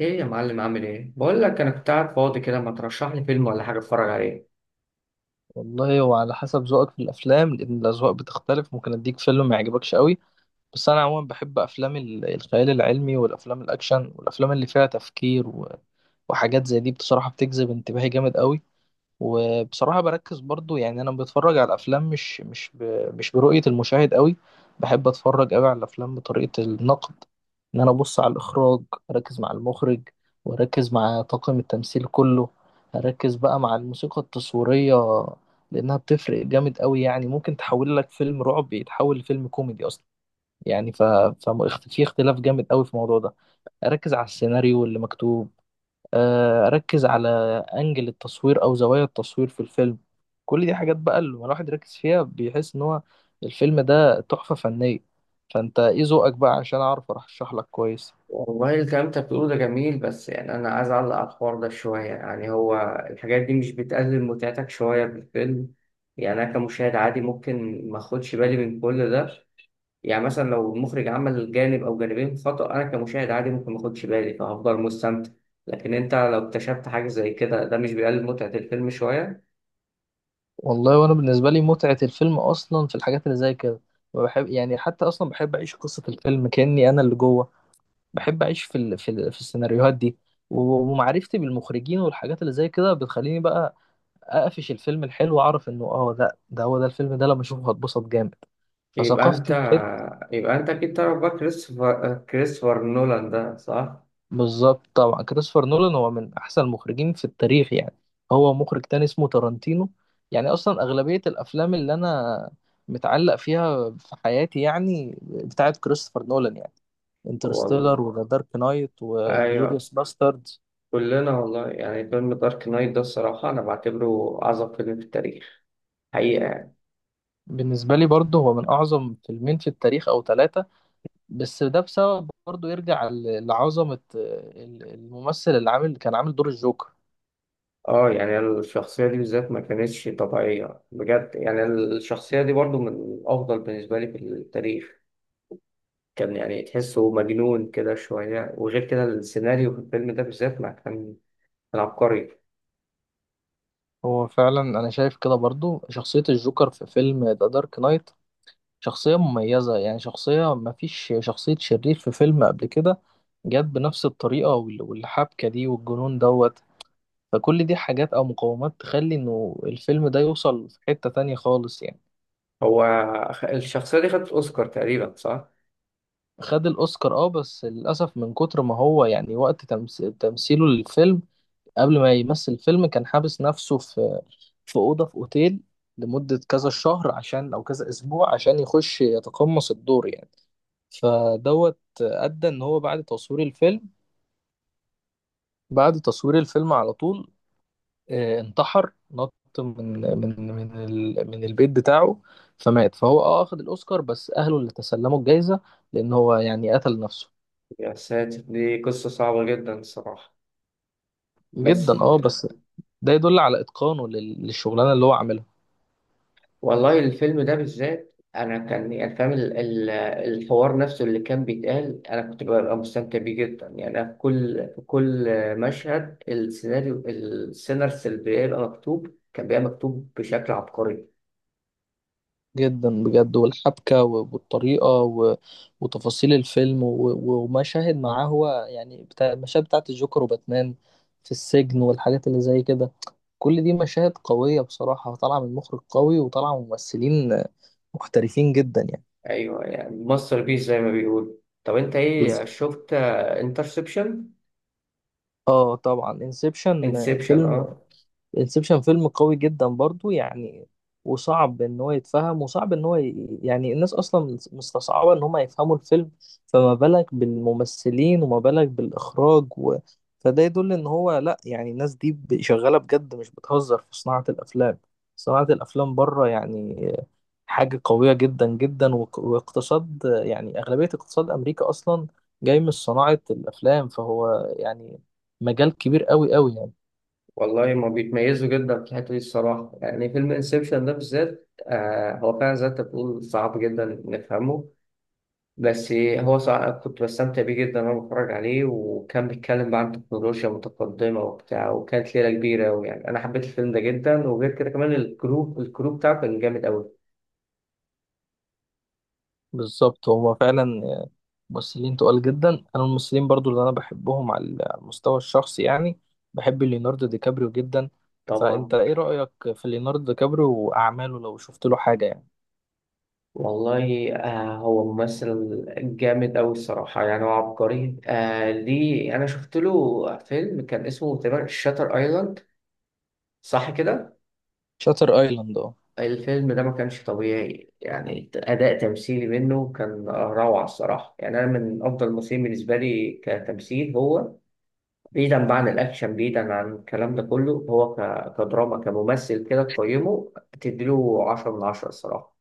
ايه يا معلم، عامل ايه؟ بقول لك انا كنت قاعد فاضي كده، ما ترشح لي فيلم ولا حاجه اتفرج عليه. والله هو على حسب ذوقك في الافلام، لان الاذواق بتختلف. ممكن اديك فيلم ما يعجبكش قوي. بس انا عموما بحب افلام الخيال العلمي، والافلام الاكشن، والافلام اللي فيها تفكير وحاجات زي دي، بصراحة بتجذب انتباهي جامد قوي. وبصراحة بركز برضو يعني أنا بتفرج على الأفلام مش برؤية المشاهد قوي. بحب أتفرج قوي على الأفلام بطريقة النقد، إن أنا أبص على الإخراج، أركز مع المخرج، وأركز مع طاقم التمثيل كله، أركز بقى مع الموسيقى التصويرية، لأنها بتفرق جامد قوي يعني. ممكن تحول لك فيلم رعب يتحول لفيلم كوميدي أصلا، يعني في اختلاف جامد قوي في الموضوع ده. أركز على السيناريو اللي مكتوب، اركز على انجل التصوير او زوايا التصوير في الفيلم. كل دي حاجات بقى لما الواحد يركز فيها بيحس ان هو الفيلم ده تحفة فنية. فانت ايه ذوقك بقى عشان اعرف ارشح لك كويس؟ والله الكلام انت بتقوله ده جميل، بس يعني انا عايز اعلق على الحوار ده شويه. يعني هو الحاجات دي مش بتقلل متعتك شويه بالفيلم؟ يعني انا كمشاهد عادي ممكن ما اخدش بالي من كل ده. يعني مثلا لو المخرج عمل جانب او جانبين خطأ، انا كمشاهد عادي ممكن ما اخدش بالي فهفضل مستمتع. لكن انت لو اكتشفت حاجه زي كده، ده مش بيقلل متعه الفيلم شويه؟ والله وانا بالنسبة لي متعة الفيلم اصلا في الحاجات اللي زي كده. بحب يعني حتى اصلا بحب اعيش قصة الفيلم كأني انا اللي جوه. بحب اعيش في السيناريوهات دي. ومعرفتي بالمخرجين والحاجات اللي زي كده بتخليني بقى اقفش الفيلم الحلو، اعرف انه ده هو ده الفيلم ده لما اشوفه هتبسط جامد. يبقى فثقافة انت الفيلم. يبقى انت اكيد تعرف بقى كريستوفر نولان ده، صح؟ بالظبط، طبعا كريستوفر نولان هو من احسن المخرجين في التاريخ يعني. هو مخرج تاني اسمه تارانتينو. يعني اصلا اغلبية الافلام اللي انا متعلق فيها في حياتي يعني بتاعت كريستوفر نولان، يعني هو ال- انترستيلر، وذا دارك نايت، ايوه، وانجلوريوس باستردز. كلنا والله. يعني فيلم دارك نايت ده الصراحه انا بعتبره اعظم فيلم في التاريخ حقيقه يعني. بالنسبة لي برضه هو من اعظم فيلمين في التاريخ او ثلاثة. بس ده بسبب برضه يرجع لعظمة الممثل اللي كان عامل دور الجوكر. اه، يعني الشخصيه دي بالذات ما كانتش طبيعيه بجد. يعني الشخصيه دي برضو من افضل بالنسبه لي في التاريخ. كان يعني تحسه مجنون كده شويه، وغير كده السيناريو في الفيلم ده بالذات ما كان كان عبقري. هو فعلا أنا شايف كده برضه شخصية الجوكر في فيلم ذا دارك نايت شخصية مميزة، يعني شخصية، مفيش شخصية شرير في فيلم قبل كده جت بنفس الطريقة والحبكة دي والجنون دوت. فكل دي حاجات أو مقومات تخلي إنه الفيلم ده يوصل في حتة تانية خالص يعني. هو، الشخصيه دي خدت اوسكار تقريبا، صح؟ خد الأوسكار، بس للأسف من كتر ما هو يعني وقت تمثيله للفيلم، قبل ما يمثل فيلم كان حابس نفسه في أوضة في أوتيل لمدة كذا شهر، عشان أو كذا أسبوع، عشان يخش يتقمص الدور يعني. فدوت أدى إن هو بعد تصوير الفيلم على طول، انتحر، نط من البيت بتاعه. فمات، فهو اخد الأوسكار بس أهله اللي تسلموا الجايزة، لأن هو يعني قتل نفسه. يا ساتر، دي قصة صعبة جدا الصراحة، بس... جدا بس ده يدل على إتقانه للشغلانة اللي هو عملها. والله الفيلم ده بالذات أنا كان يعني فاهم الحوار نفسه اللي كان بيتقال، أنا كنت ببقى مستمتع بيه جدا. يعني أنا في كل في كل مشهد السيناريو اللي بيبقى مكتوب كان بيبقى مكتوب بشكل عبقري. جدا بجد. والحبكة والطريقة وتفاصيل الفيلم ومشاهد معاه هو يعني بتاع المشاهد بتاعت الجوكر وباتمان في السجن والحاجات اللي زي كده، كل دي مشاهد قوية بصراحة طالعة من مخرج قوي وطالعة من ممثلين محترفين جدا يعني. أيوه، يعني ماستر بيس زي ما بيقول. طب أنت بز- إيه، شفت انترسبشن؟ اه طبعا، انسبشن انسبشن، اه، فيلم. Interception؟ انسبشن فيلم قوي جدا برضو يعني، وصعب ان هو يتفهم، وصعب ان هو يعني الناس اصلا مستصعبة ان هم يفهموا الفيلم، فما بالك بالممثلين، وما بالك بالاخراج فده يدل ان هو لا، يعني الناس دي شغالة بجد، مش بتهزر في صناعة الافلام. صناعة الافلام بره يعني حاجة قوية جدا جدا، واقتصاد يعني اغلبية اقتصاد امريكا اصلا جاي من صناعة الافلام، فهو يعني مجال كبير قوي قوي يعني. والله، ما بيتميزوا جدا في الحتة دي الصراحة. يعني فيلم انسبشن ده بالذات، هو فعلا زي ما انت بتقول، صعب جدا نفهمه. بس هو صعب كنت بستمتع بيه جدا وانا بتفرج عليه، وكان بيتكلم بقى عن تكنولوجيا متقدمة وبتاع، وكانت ليلة كبيرة. ويعني أنا حبيت الفيلم ده جدا، وغير كده كمان الكروب بتاعه كان جامد أوي. بالظبط، هو فعلا ممثلين تقال جدا. انا الممثلين برضو اللي انا بحبهم على المستوى الشخصي يعني، بحب ليوناردو دي كابريو جدا. فانت طبعا. ايه رأيك في ليوناردو دي كابريو واعماله لو شفت له حاجة يعني؟ والله آه، هو ممثل جامد أوي الصراحة، يعني هو عبقري. ليه، أنا شفت له فيلم كان اسمه تقريبا شاتر أيلاند، صح كده؟ شاتر ايلاند، اه. الفيلم ده ما كانش طبيعي، يعني أداء تمثيلي منه كان روعة الصراحة. يعني أنا من أفضل الممثلين بالنسبة لي كتمثيل هو، بعيدا بقى عن الأكشن، بعيدا عن الكلام ده كله. هو كدراما، كممثل، كده تقيمه تديله 10 من 10 الصراحة.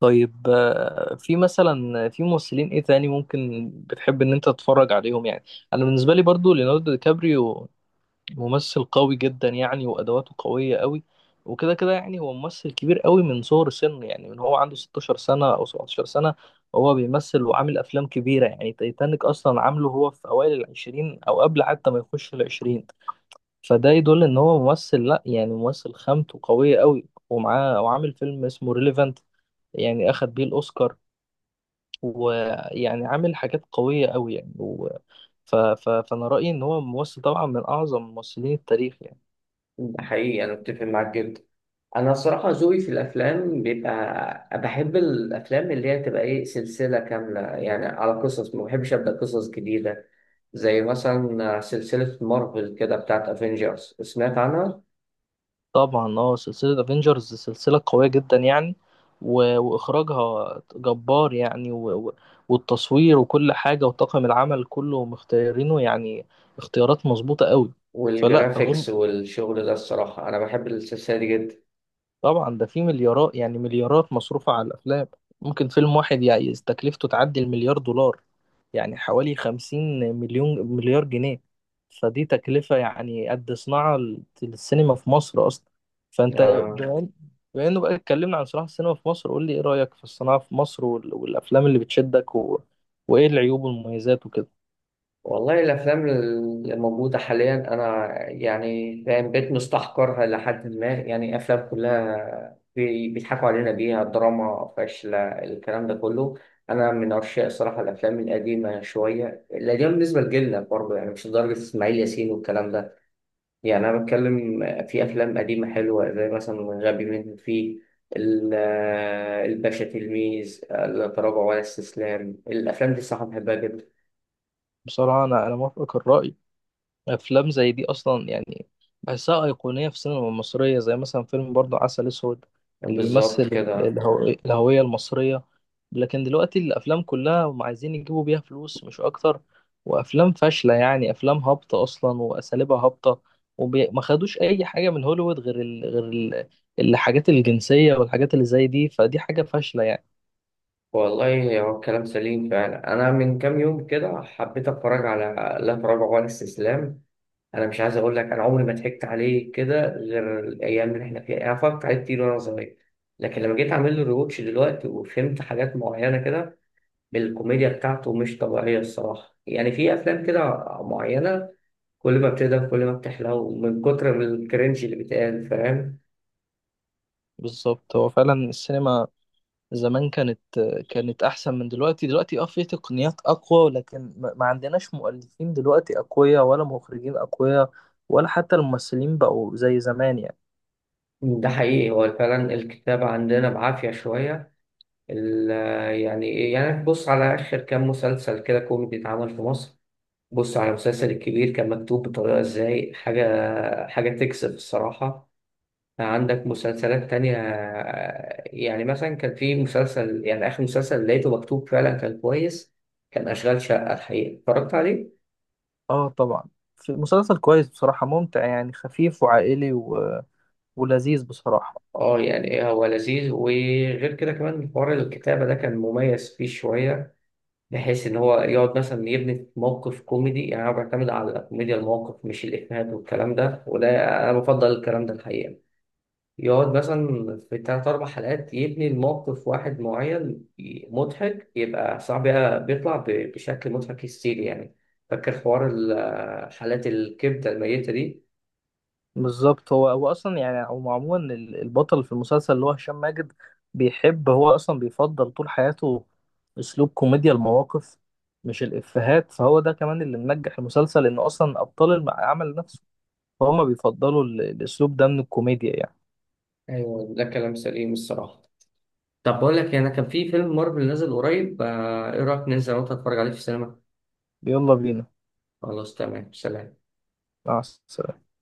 طيب، في مثلا في ممثلين ايه تاني ممكن بتحب ان انت تتفرج عليهم يعني؟ انا بالنسبة لي برضو ليوناردو دي كابريو ممثل قوي جدا يعني، وادواته قويه قوي. وكده كده يعني هو ممثل كبير قوي من صغر سنه، يعني من هو عنده 16 سنه او 17 سنه هو بيمثل، وعامل افلام كبيره يعني تايتانيك اصلا عامله هو في اوائل العشرين او قبل حتى ما يخش العشرين. فده يدل ان هو ممثل، لا يعني ممثل خامته قويه قوي. ومعاه وعامل فيلم اسمه ريليفانت، يعني اخد بيه الاوسكار. ويعني عامل حاجات قويه قوي يعني فانا رايي ان هو ممثل طبعا من اعظم ممثلين التاريخ يعني. ده حقيقي، أنا أتفق معاك جدا. انا الصراحه ذوقي في الافلام بيبقى بحب الافلام اللي هي تبقى ايه، سلسله كامله يعني على قصص، ما بحبش ابدا قصص جديده. زي مثلا سلسله مارفل كده بتاعت افنجرز، سمعت عنها؟ طبعا سلسلة افنجرز سلسلة قوية جدا يعني واخراجها جبار يعني والتصوير وكل حاجة وطاقم العمل كله مختارينه يعني، اختيارات مظبوطة قوي. فلا أظن. والجرافيكس والشغل ده، الصراحه انا بحب السلسله دي جدا. طبعا ده في مليارات، يعني مليارات مصروفة على الافلام، ممكن فيلم واحد يعني تكلفته تعدي المليار دولار، يعني حوالي 50 مليون مليار جنيه، فدي تكلفة يعني قد صناعة السينما في مصر أصلا. فأنت، آه. بما إن- بما إنه بقى اتكلمنا عن صناعة السينما في مصر، قول لي إيه رأيك في الصناعة في مصر والأفلام اللي بتشدك وإيه العيوب والمميزات وكده؟ والله الأفلام اللي موجودة حاليا أنا يعني فاهم بقيت مستحقرها لحد ما، يعني أفلام كلها بيضحكوا علينا بيها، دراما فاشلة، الكلام ده كله. أنا من عشاق صراحة الأفلام القديمة شوية، القديمة بالنسبة لجيلنا برضه، يعني مش لدرجة إسماعيل ياسين والكلام ده. يعني أنا بتكلم في أفلام قديمة حلوة زي مثلا غبي منه فيه، ال- الباشا تلميذ، لا تراجع ولا استسلام. الأفلام دي الصراحة بحبها جدا. بصراحة أنا موافقك الرأي. افلام زي دي اصلا يعني بحسها ايقونيه في السينما المصريه، زي مثلا فيلم برضو عسل اسود، اللي بيمثل بالظبط ال- كده. الهو- الهويه المصريه. لكن دلوقتي الافلام كلها هم عايزين يجيبوا بيها فلوس مش اكتر، وافلام فاشله يعني، افلام هابطه اصلا واساليبها هابطه، وما خدوش اي حاجه من هوليوود غير الحاجات الجنسيه والحاجات اللي زي دي، فدي حاجه فاشله يعني. والله هو الكلام سليم فعلا. انا من كام يوم كده حبيت اتفرج على لا تراجع ولا استسلام. انا مش عايز اقول لك، انا عمري ما ضحكت عليه كده غير الايام اللي احنا فيها. انا اتفرجت عليه كتير وانا صغير، لكن لما جيت اعمل له ريواتش دلوقتي وفهمت حاجات معينه كده، الكوميديا بتاعته مش طبيعيه الصراحه. يعني في افلام كده معينه، كل ما بتقدر كل ما بتحلو من كتر الكرنج اللي بيتقال، فاهم؟ بالظبط، هو فعلا السينما زمان كانت احسن من دلوقتي. دلوقتي في تقنيات اقوى، ولكن ما عندناش مؤلفين دلوقتي اقوياء، ولا مخرجين اقوياء، ولا حتى الممثلين بقوا زي زمان يعني. ده حقيقي، هو فعلا الكتابة عندنا بعافية شوية. ال- يعني إيه؟ يعني بص على آخر كام مسلسل كده كوميدي اتعمل في مصر. بص على المسلسل الكبير، كان مكتوب بطريقة ازاي؟ حاجة حاجة تكسب الصراحة. عندك مسلسلات تانية آه، يعني مثلا كان في مسلسل، يعني آخر مسلسل لقيته مكتوب فعلا كان كويس، كان أشغال شقة. الحقيقة اتفرجت عليه؟ اه طبعا، في مسلسل كويس بصراحة، ممتع يعني خفيف وعائلي ولذيذ بصراحة. اه، يعني إيه، هو لذيذ، وغير كده كمان حوار الكتابة ده كان مميز فيه شوية. بحيث ان هو يقعد مثلا يبني في موقف كوميدي، يعني انا بعتمد على كوميديا الموقف مش الافيهات والكلام ده، وده انا بفضل الكلام ده الحقيقه. يقعد مثلا في 3 أو 4 حلقات يبني الموقف واحد معين، مضحك، يبقى صعب بقى بيطلع بشكل مضحك هستيري يعني. فاكر حوار حالات الكبدة الميتة دي؟ بالظبط، هو اصلا يعني هو عموما البطل في المسلسل اللي هو هشام ماجد، بيحب هو اصلا بيفضل طول حياته اسلوب كوميديا المواقف مش الافيهات، فهو ده كمان اللي منجح المسلسل، انه اصلا ابطال العمل نفسه فهم بيفضلوا الاسلوب ده من الكوميديا يعني. أيوة ده كلام سليم الصراحة. طب بقول لك إيه، أنا كان في فيلم مارفل نازل قريب، آه، إيه رأيك ننزل وأنت تتفرج عليه في السينما؟ يلا بينا. خلاص، تمام، سلام. مع السلامة.